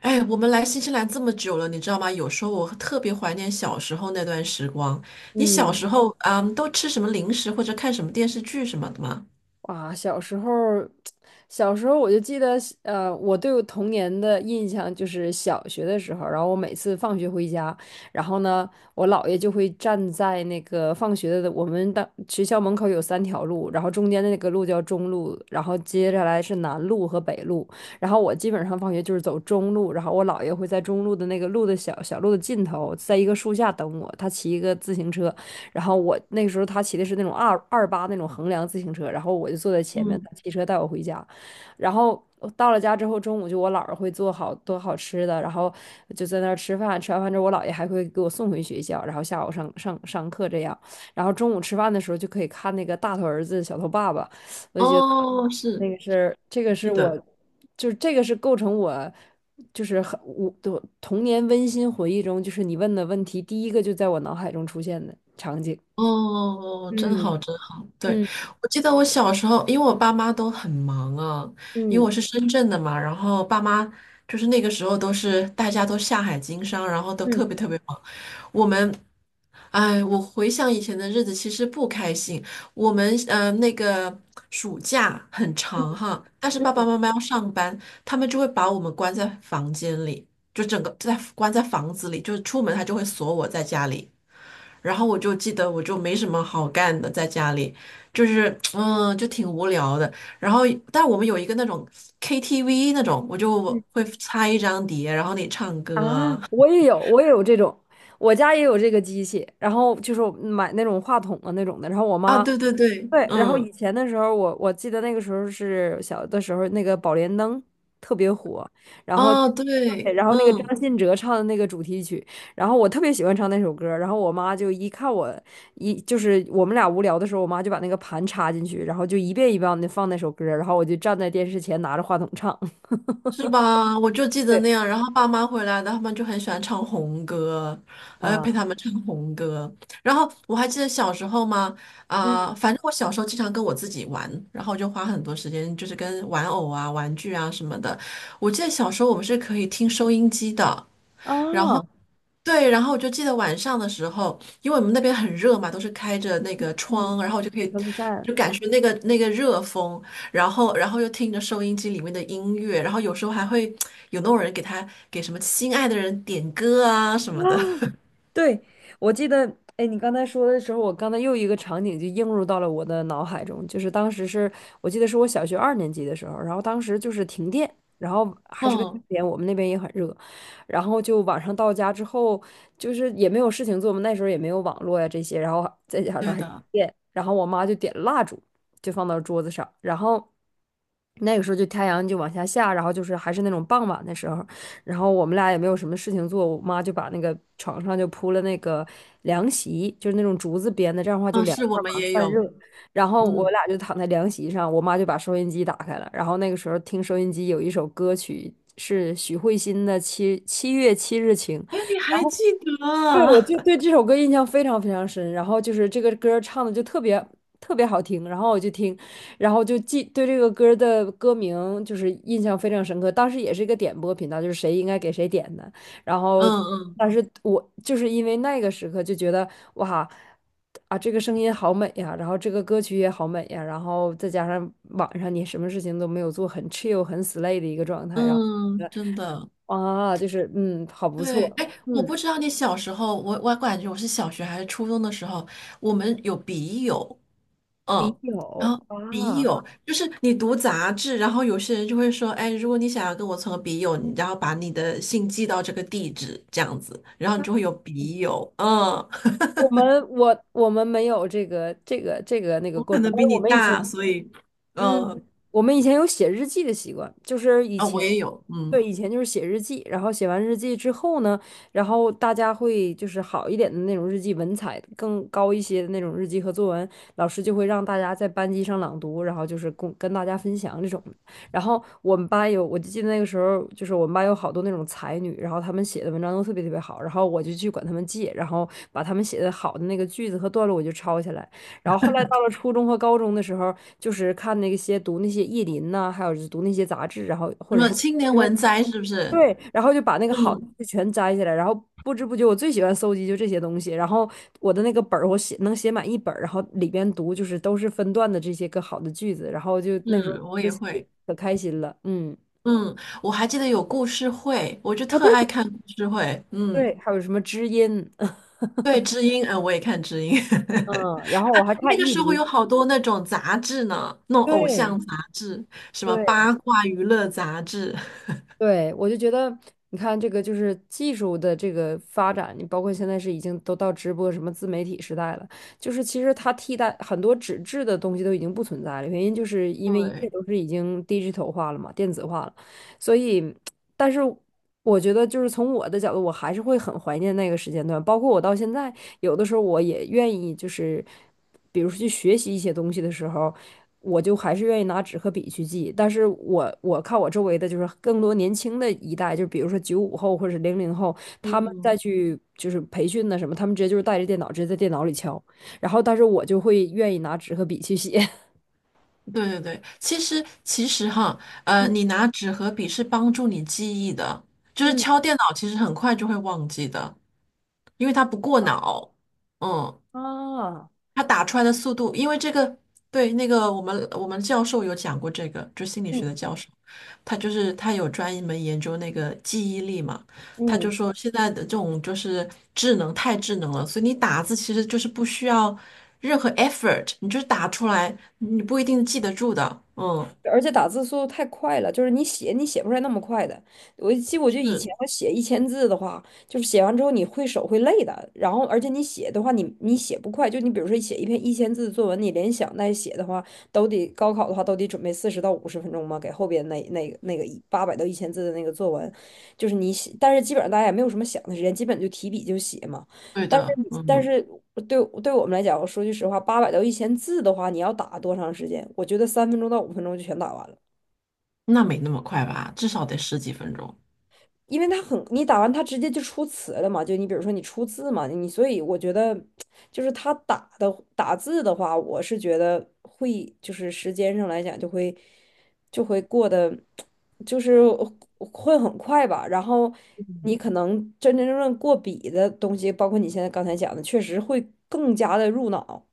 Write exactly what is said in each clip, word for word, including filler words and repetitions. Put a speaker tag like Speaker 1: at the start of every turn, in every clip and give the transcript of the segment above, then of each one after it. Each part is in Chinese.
Speaker 1: 哎，我们来新西兰这么久了，你知道吗？有时候我特别怀念小时候那段时光。你小
Speaker 2: 嗯，
Speaker 1: 时候，嗯，都吃什么零食或者看什么电视剧什么的吗？
Speaker 2: 哇，小时候儿小时候我就记得，呃，我对我童年的印象就是小学的时候，然后我每次放学回家，然后呢，我姥爷就会站在那个放学的我们的学校门口有三条路，然后中间的那个路叫中路，然后接下来是南路和北路，然后我基本上放学就是走中路，然后我姥爷会在中路的那个路的小小路的尽头，在一个树下等我，他骑一个自行车，然后我那个时候他骑的是那种二二八那种横梁自行车，然后我就坐在前面，
Speaker 1: 嗯，
Speaker 2: 他骑车带我回家。然后我到了家之后，中午就我姥儿会做好多好吃的，然后就在那儿吃饭。吃完饭之后，我姥爷还会给我送回学校，然后下午上上上课这样。然后中午吃饭的时候就可以看那个大头儿子小头爸爸，
Speaker 1: 哦，
Speaker 2: 那
Speaker 1: 是，
Speaker 2: 个是这个是
Speaker 1: 记
Speaker 2: 我，
Speaker 1: 得。
Speaker 2: 就是这个是构成我。就是很我的童年温馨回忆中，就是你问的问题，第一个就在我脑海中出现的场景。
Speaker 1: 哦，真
Speaker 2: 嗯。
Speaker 1: 好，真好。对，
Speaker 2: 嗯
Speaker 1: 我记得我小时候，因为我爸妈都很忙啊，因为
Speaker 2: 嗯。
Speaker 1: 我是深圳的嘛，然后爸妈就是那个时候都是大家都下海经商，然后都特
Speaker 2: 嗯。
Speaker 1: 别特别忙。我们，哎，我回想以前的日子，其实不开心。我们呃，那个暑假很长哈，但是爸爸妈妈要上班，他们就会把我们关在房间里，就整个在关在房子里，就是出门他就会锁我在家里。然后我就记得我就没什么好干的，在家里就是嗯，就挺无聊的。然后，但我们有一个那种 K T V 那种，我就会插一张碟，然后你唱
Speaker 2: 啊，
Speaker 1: 歌啊。
Speaker 2: 我也有，我也有这种，我家也有这个机器，然后就是买那种话筒的那种的，然后我
Speaker 1: 啊，
Speaker 2: 妈
Speaker 1: 对对对，
Speaker 2: 对，然后
Speaker 1: 嗯，
Speaker 2: 以前的时候我，我记得那个时候是小的时候，那个宝莲灯特别火，然后
Speaker 1: 啊，
Speaker 2: 对，
Speaker 1: 对，
Speaker 2: 然后那个
Speaker 1: 嗯，
Speaker 2: 张信哲唱的那个主题曲，然后我特别喜欢唱那首歌儿然后我妈就一看我一就是我们俩无聊的时候，我妈就把那个盘插进去，然后就一遍一遍的放那首歌儿然后我就站在电视前拿着话筒唱。
Speaker 1: 是吧？我就记得那
Speaker 2: 对
Speaker 1: 样，然后爸妈回来的，他们就很喜欢唱红歌，还要陪
Speaker 2: 啊。
Speaker 1: 他们唱红歌。然后我还记得小时候嘛，啊、反正我小时候经常跟我自己玩，然后就花很多时间，就是跟玩偶啊、玩具啊什么的。我记得小时候我们是可以听收音机的，
Speaker 2: 啊。
Speaker 1: 对，然后我就记得晚上的时候，因为我们那边很热嘛，都是开着那个
Speaker 2: 嗯。
Speaker 1: 窗，然后我就可以
Speaker 2: 风扇。
Speaker 1: 就感受那个那个热风，然后然后又听着收音机里面的音乐，然后有时候还会有那种人给他给什么心爱的人点歌啊什么的。
Speaker 2: 啊，对，我记得，哎，你刚才说的时候，我刚才又一个场景就映入到了我的脑海中，就是当时是我记得是我小学二年级的时候，然后当时就是停电，然后还是个夏
Speaker 1: 嗯，
Speaker 2: 天，我们那边也很热，然后就晚上到家之后，就是也没有事情做嘛，那时候也没有网络呀这些，然后再加上
Speaker 1: 对
Speaker 2: 还是
Speaker 1: 的，
Speaker 2: 电，然后我妈就点蜡烛，就放到桌子上，然后。那个时候就太阳就往下下，然后就是还是那种傍晚的时候，然后我们俩也没有什么事情做，我妈就把那个床上就铺了那个凉席，就是那种竹子编的，这样的话就
Speaker 1: 嗯，
Speaker 2: 凉
Speaker 1: 是我
Speaker 2: 快
Speaker 1: 们
Speaker 2: 嘛，
Speaker 1: 也
Speaker 2: 散热。
Speaker 1: 有，
Speaker 2: 然后我
Speaker 1: 嗯，
Speaker 2: 俩就躺在凉席上，我妈就把收音机打开了，然后那个时候听收音机有一首歌曲是许慧欣的《七七月七日晴》。
Speaker 1: 哎，你
Speaker 2: 然
Speaker 1: 还
Speaker 2: 后。
Speaker 1: 记得
Speaker 2: 对，我
Speaker 1: 啊
Speaker 2: 就对这首歌印象非常非常深，然后就是这个歌儿唱的就特别特别好听，然后我就听，然后就记对这个歌儿的歌名就是印象非常深刻。当时也是一个点播频道，就是谁应该给谁点的，然
Speaker 1: 嗯
Speaker 2: 后
Speaker 1: 嗯
Speaker 2: 但是我就是因为那个时刻就觉得哇啊这个声音好美呀，然后这个歌曲也好美呀，然后再加上晚上你什么事情都没有做，很 chill 很 slay 的一个状态，然后
Speaker 1: 嗯，真的。
Speaker 2: 啊就是嗯好不
Speaker 1: 对，
Speaker 2: 错，
Speaker 1: 哎，我
Speaker 2: 嗯
Speaker 1: 不知道你小时候，我我感觉我是小学还是初中的时候，我们有笔友，
Speaker 2: 笔
Speaker 1: 嗯，然
Speaker 2: 友
Speaker 1: 后笔
Speaker 2: 啊。
Speaker 1: 友就是你读杂志，然后有些人就会说，哎，如果你想要跟我成为笔友，你然后把你的信寄到这个地址，这样子，然后你就会有笔友，嗯，
Speaker 2: 我们我我们没有这个这个这个那 个
Speaker 1: 我
Speaker 2: 过
Speaker 1: 可
Speaker 2: 程，
Speaker 1: 能
Speaker 2: 但
Speaker 1: 比
Speaker 2: 是
Speaker 1: 你
Speaker 2: 我们以前
Speaker 1: 大，所以，
Speaker 2: 嗯，
Speaker 1: 嗯，
Speaker 2: 我们以前有写日记的习惯，就是以
Speaker 1: 啊，我
Speaker 2: 前，
Speaker 1: 也有，嗯，
Speaker 2: 对，以前就是写日记，然后写完日记之后呢，然后大家会就是好一点的那种日记，文采更高一些的那种日记和作文，老师就会让大家在班级上朗读，然后就是跟跟大家分享这种。然后我们班有，我就记得那个时候，就是我们班有好多那种才女，然后她们写的文章都特别特别好，然后我就去管她们借，然后把她们写的好的那个句子和段落我就抄下来。然后后来到了初中和高中的时候，就是看那些读那些意林呐、还有就是读那些杂志，然后或
Speaker 1: 什
Speaker 2: 者
Speaker 1: 么
Speaker 2: 是
Speaker 1: 青年
Speaker 2: 读
Speaker 1: 文摘是不是？
Speaker 2: 对，然后就把那个好的
Speaker 1: 嗯，
Speaker 2: 就全摘下来，然后不知不觉我最喜欢搜集就这些东西，然后我的那个本儿我写能写满一本儿，然后里边读就是都是分段的这些个好的句子，然后就那时候
Speaker 1: 是，我
Speaker 2: 这
Speaker 1: 也会。
Speaker 2: 可开心了，嗯。
Speaker 1: 嗯，我还记得有故事会，我就
Speaker 2: 啊，
Speaker 1: 特
Speaker 2: 对
Speaker 1: 爱看故事会。嗯，
Speaker 2: 对，还有什么知音，
Speaker 1: 对，知音，呃，我也看知音。
Speaker 2: 嗯，然后我还
Speaker 1: 那
Speaker 2: 看
Speaker 1: 个
Speaker 2: 意
Speaker 1: 时候有
Speaker 2: 林，
Speaker 1: 好多那种杂志呢，那种偶像
Speaker 2: 对。
Speaker 1: 杂志，什么
Speaker 2: 对
Speaker 1: 八卦娱乐杂志。
Speaker 2: 对，我就觉得，你看这个就是技术的这个发展，你包括现在是已经都到直播什么自媒体时代了，就是其实它替代很多纸质的东西都已经不存在了，原因就是因为一切
Speaker 1: 对，
Speaker 2: 都是已经 digital 化了嘛，电子化了，所以，但是我觉得就是从我的角度，我还是会很怀念那个时间段，包括我到现在，有的时候我也愿意就是，比如说去学习一些东西的时候。我就还是愿意拿纸和笔去记。但是我我看我周围的就是更多年轻的一代，就比如说九五后或者是零零后，他们再
Speaker 1: 嗯，
Speaker 2: 去就是培训的什么，他们直接就是带着电脑直接在电脑里敲。然后，但是我就会愿意拿纸和笔去写。
Speaker 1: 对对对，其实其实哈，呃，
Speaker 2: 嗯
Speaker 1: 你拿纸和笔是帮助你记忆的，就是
Speaker 2: 嗯。
Speaker 1: 敲电脑其实很快就会忘记的，因为它不过脑。嗯。
Speaker 2: 啊。
Speaker 1: 它打出来的速度，因为这个，对，那个我们我们教授有讲过这个，就心理学的
Speaker 2: 嗯
Speaker 1: 教授，他就是他有专门研究那个记忆力嘛，他就
Speaker 2: 嗯。
Speaker 1: 说现在的这种就是智能太智能了，所以你打字其实就是不需要任何 effort，你就是打出来，你不一定记得住的，嗯，
Speaker 2: 而且打字速度太快了，就是你写你写不出来那么快的。我记我就以
Speaker 1: 是
Speaker 2: 前我写一千字的话，就是写完之后你会手会累的，然后而且你写的话你你写不快，就你比如说写一篇一千字的作文，你联想带写的话，都得高考的话都得准备四十到五十分钟嘛，给后边那那个那个八百到一千字的那个作文，就是你写，但是基本上大家也没有什么想的时间，基本就提笔就写嘛。
Speaker 1: 对
Speaker 2: 但是
Speaker 1: 的，
Speaker 2: 你但
Speaker 1: 嗯，
Speaker 2: 是对对我们来讲，我说句实话，八百到一千字的话，你要打多长时间？我觉得三分钟到五分钟就全打完了，
Speaker 1: 那没那么快吧，至少得十几分钟，
Speaker 2: 因为它很，你打完它直接就出词了嘛，就你比如说你出字嘛，你所以我觉得就是他打的打字的话，我是觉得会就是时间上来讲就会就会过得就是会很快吧，然后你可能真真正正过笔的东西，包括你现在刚才讲的，确实会更加的入脑。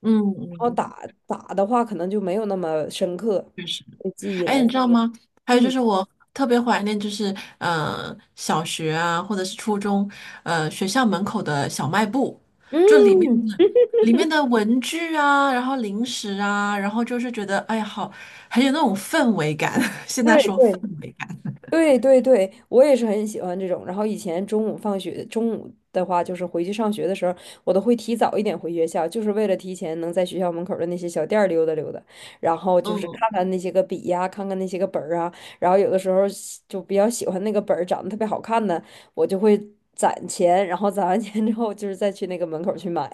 Speaker 1: 嗯
Speaker 2: 然后
Speaker 1: 嗯，
Speaker 2: 打打的话可能就没有那么深刻，
Speaker 1: 确实。
Speaker 2: 对记忆来，
Speaker 1: 哎，你知道吗？还有就
Speaker 2: 嗯
Speaker 1: 是我特别怀念，就是呃小学啊，或者是初中，呃学校门口的小卖部，就里面
Speaker 2: 嗯，
Speaker 1: 的里面的文具啊，然后零食啊，然后就是觉得哎呀好，很有那种氛围感。现在
Speaker 2: 对
Speaker 1: 说，
Speaker 2: 对对对对，我也是很喜欢这种。然后以前中午放学，中午的话就是回去上学的时候，我都会提早一点回学校，就是为了提前能在学校门口的那些小店儿溜达溜达，然后就是看
Speaker 1: 嗯。
Speaker 2: 看那些个笔呀、看看那些个本儿啊，然后有的时候喜就比较喜欢那个本儿长得特别好看的，我就会攒钱，然后攒完钱之后就是再去那个门口去买。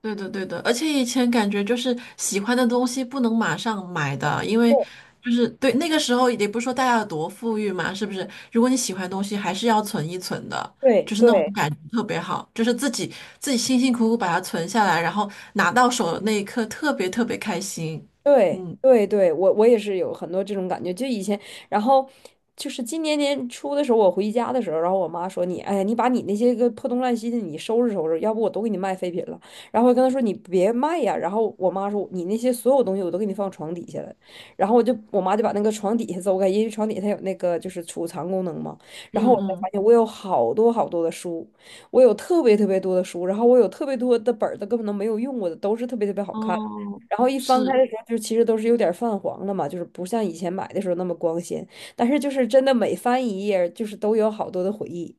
Speaker 1: 对的，对的，而且以前感觉就是喜欢的东西不能马上买的，因为就是对那个时候也不是说大家有多富裕嘛，是不是？如果你喜欢的东西，还是要存一存的，
Speaker 2: 对
Speaker 1: 就是
Speaker 2: 对
Speaker 1: 那种
Speaker 2: 对
Speaker 1: 感觉特别好，就是自己自己辛辛苦苦把它存下来，然后拿到手的那一刻特别特别开心。
Speaker 2: 对
Speaker 1: 嗯
Speaker 2: 对对，我我也是有很多这种感觉。就以前，然后就是今年年初的时候，我回家的时候，然后我妈说你，哎呀，你把你那些个破东烂西的你收拾收拾，要不我都给你卖废品了。然后我跟她说你别卖呀。然后我妈说你那些所有东西我都给你放床底下了。然后我就我妈就把那个床底下走开，因为床底下它有那个就是储藏功能嘛。然后我才发
Speaker 1: 嗯
Speaker 2: 现我有好多好多的书，我有特别特别多的书，然后我有特别多的本儿都根本都没有用过的，都是特别特别好看。
Speaker 1: 哦，
Speaker 2: 然后一翻开
Speaker 1: 是
Speaker 2: 的时候，就其实都是有点泛黄了嘛，就是不像以前买的时候那么光鲜。但是就是真的每翻一页儿就是都有好多的回忆。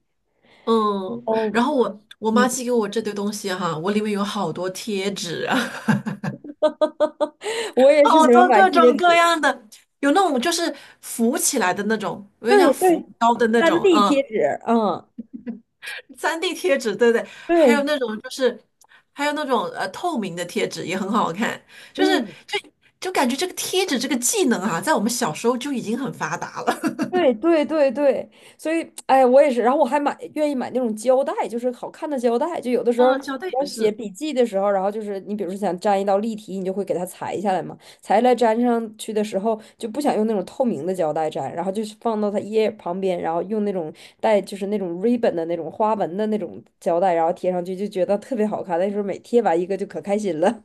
Speaker 1: 嗯，
Speaker 2: 哦，
Speaker 1: 然后我我妈
Speaker 2: 嗯，
Speaker 1: 寄给我这堆东西哈，我里面有好多贴纸啊。
Speaker 2: 我 也是
Speaker 1: 好
Speaker 2: 喜欢
Speaker 1: 多
Speaker 2: 买
Speaker 1: 各
Speaker 2: 贴
Speaker 1: 种各
Speaker 2: 纸，
Speaker 1: 样的，有那种就是浮起来的那种，有点像
Speaker 2: 对
Speaker 1: 浮
Speaker 2: 对，
Speaker 1: 标的那
Speaker 2: 当
Speaker 1: 种，
Speaker 2: D
Speaker 1: 嗯
Speaker 2: 贴纸，嗯，
Speaker 1: 三 d 贴纸，对对，还有
Speaker 2: 对，
Speaker 1: 那种就是，还有那种呃透明的贴纸也很好看，就是
Speaker 2: 嗯。
Speaker 1: 就就感觉这个贴纸这个技能啊，在我们小时候就已经很发达了，
Speaker 2: 对对对对，所以哎，我也是，然后我还买愿意买那种胶带，就是好看的胶带，就有的 时候
Speaker 1: 嗯，乔丹
Speaker 2: 你要
Speaker 1: 也
Speaker 2: 写
Speaker 1: 是。
Speaker 2: 笔记的时候，然后就是你比如说想粘一道例题，你就会给它裁下来嘛，裁下来粘上去的时候就不想用那种透明的胶带粘，然后就是放到它页旁边，然后用那种带就是那种 ribbon 的那种花纹的那种胶带，然后贴上去就觉得特别好看，那时候每贴完一个就可开心了。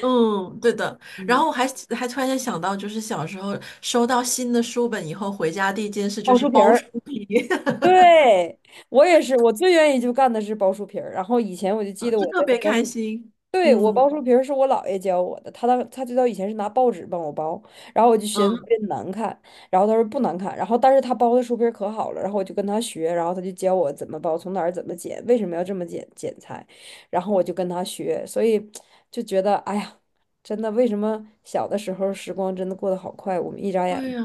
Speaker 1: 嗯，对的。然
Speaker 2: 嗯，
Speaker 1: 后我还还突然间想到，就是小时候收到新的书本以后，回家第一件事就
Speaker 2: 奥
Speaker 1: 是
Speaker 2: 数皮
Speaker 1: 包书
Speaker 2: 儿。
Speaker 1: 皮，
Speaker 2: 对，我也是，我最愿意就干的是包书皮儿。然后以前我就 记
Speaker 1: 嗯
Speaker 2: 得
Speaker 1: 就
Speaker 2: 我的
Speaker 1: 特别
Speaker 2: 包
Speaker 1: 开
Speaker 2: 书，
Speaker 1: 心。
Speaker 2: 对，我包
Speaker 1: 嗯
Speaker 2: 书皮儿是我姥爷教我的，他当他最早以前是拿报纸帮我包，然后我就寻思特
Speaker 1: 嗯。
Speaker 2: 别难看，然后他说不难看，然后但是他包的书皮儿可好了，然后我就跟他学，然后他就教我怎么包，从哪儿怎么剪，为什么要这么剪剪裁，然后我就跟他学，所以就觉得哎呀，真的为什么小的时候时光真的过得好快，我们一眨
Speaker 1: 对
Speaker 2: 眼，
Speaker 1: 呀，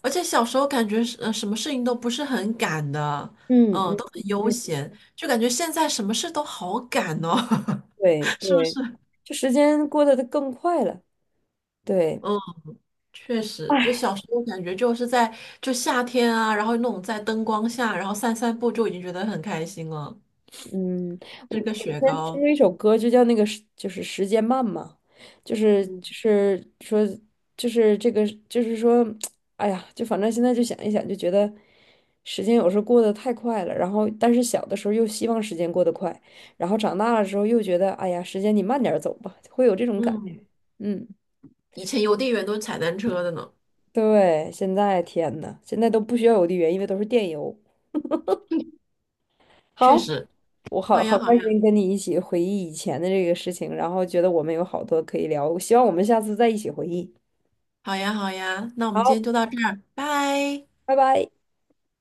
Speaker 1: 而且小时候感觉是呃什么事情都不是很赶的，
Speaker 2: 嗯
Speaker 1: 嗯，
Speaker 2: 嗯
Speaker 1: 都很悠
Speaker 2: 嗯。
Speaker 1: 闲，就感觉现在什么事都好赶哦，
Speaker 2: 对
Speaker 1: 是不
Speaker 2: 对，
Speaker 1: 是？
Speaker 2: 就时间过得更快了。对，
Speaker 1: 嗯，确实，就
Speaker 2: 哎，
Speaker 1: 小时候感觉就是在就夏天啊，然后那种在灯光下，然后散散步就已经觉得很开心了，
Speaker 2: 嗯，我
Speaker 1: 吃个
Speaker 2: 我之
Speaker 1: 雪
Speaker 2: 前听
Speaker 1: 糕，
Speaker 2: 过一首歌，就叫那个时就是时间慢嘛，就是
Speaker 1: 嗯
Speaker 2: 就是说就是这个就是说，哎呀，就反正现在就想一想，就觉得时间有时候过得太快了。然后，但是小的时候又希望时间过得快，然后长大了之后又觉得，哎呀，时间你慢点儿走吧，会有这种感觉。
Speaker 1: 嗯，
Speaker 2: 嗯，
Speaker 1: 以前邮递员都是踩单车的呢，
Speaker 2: 对，现在天呐，现在都不需要邮递员，因为都是电邮。
Speaker 1: 确
Speaker 2: 好，
Speaker 1: 实。
Speaker 2: 我
Speaker 1: 好
Speaker 2: 好好
Speaker 1: 呀，好
Speaker 2: 开
Speaker 1: 呀，
Speaker 2: 心跟你一起回忆以前的这个事情，然后觉得我们有好多可以聊，希望我们下次再一起回忆。
Speaker 1: 好呀，好呀，那我们今
Speaker 2: 好，
Speaker 1: 天就到这儿，拜。
Speaker 2: 拜拜。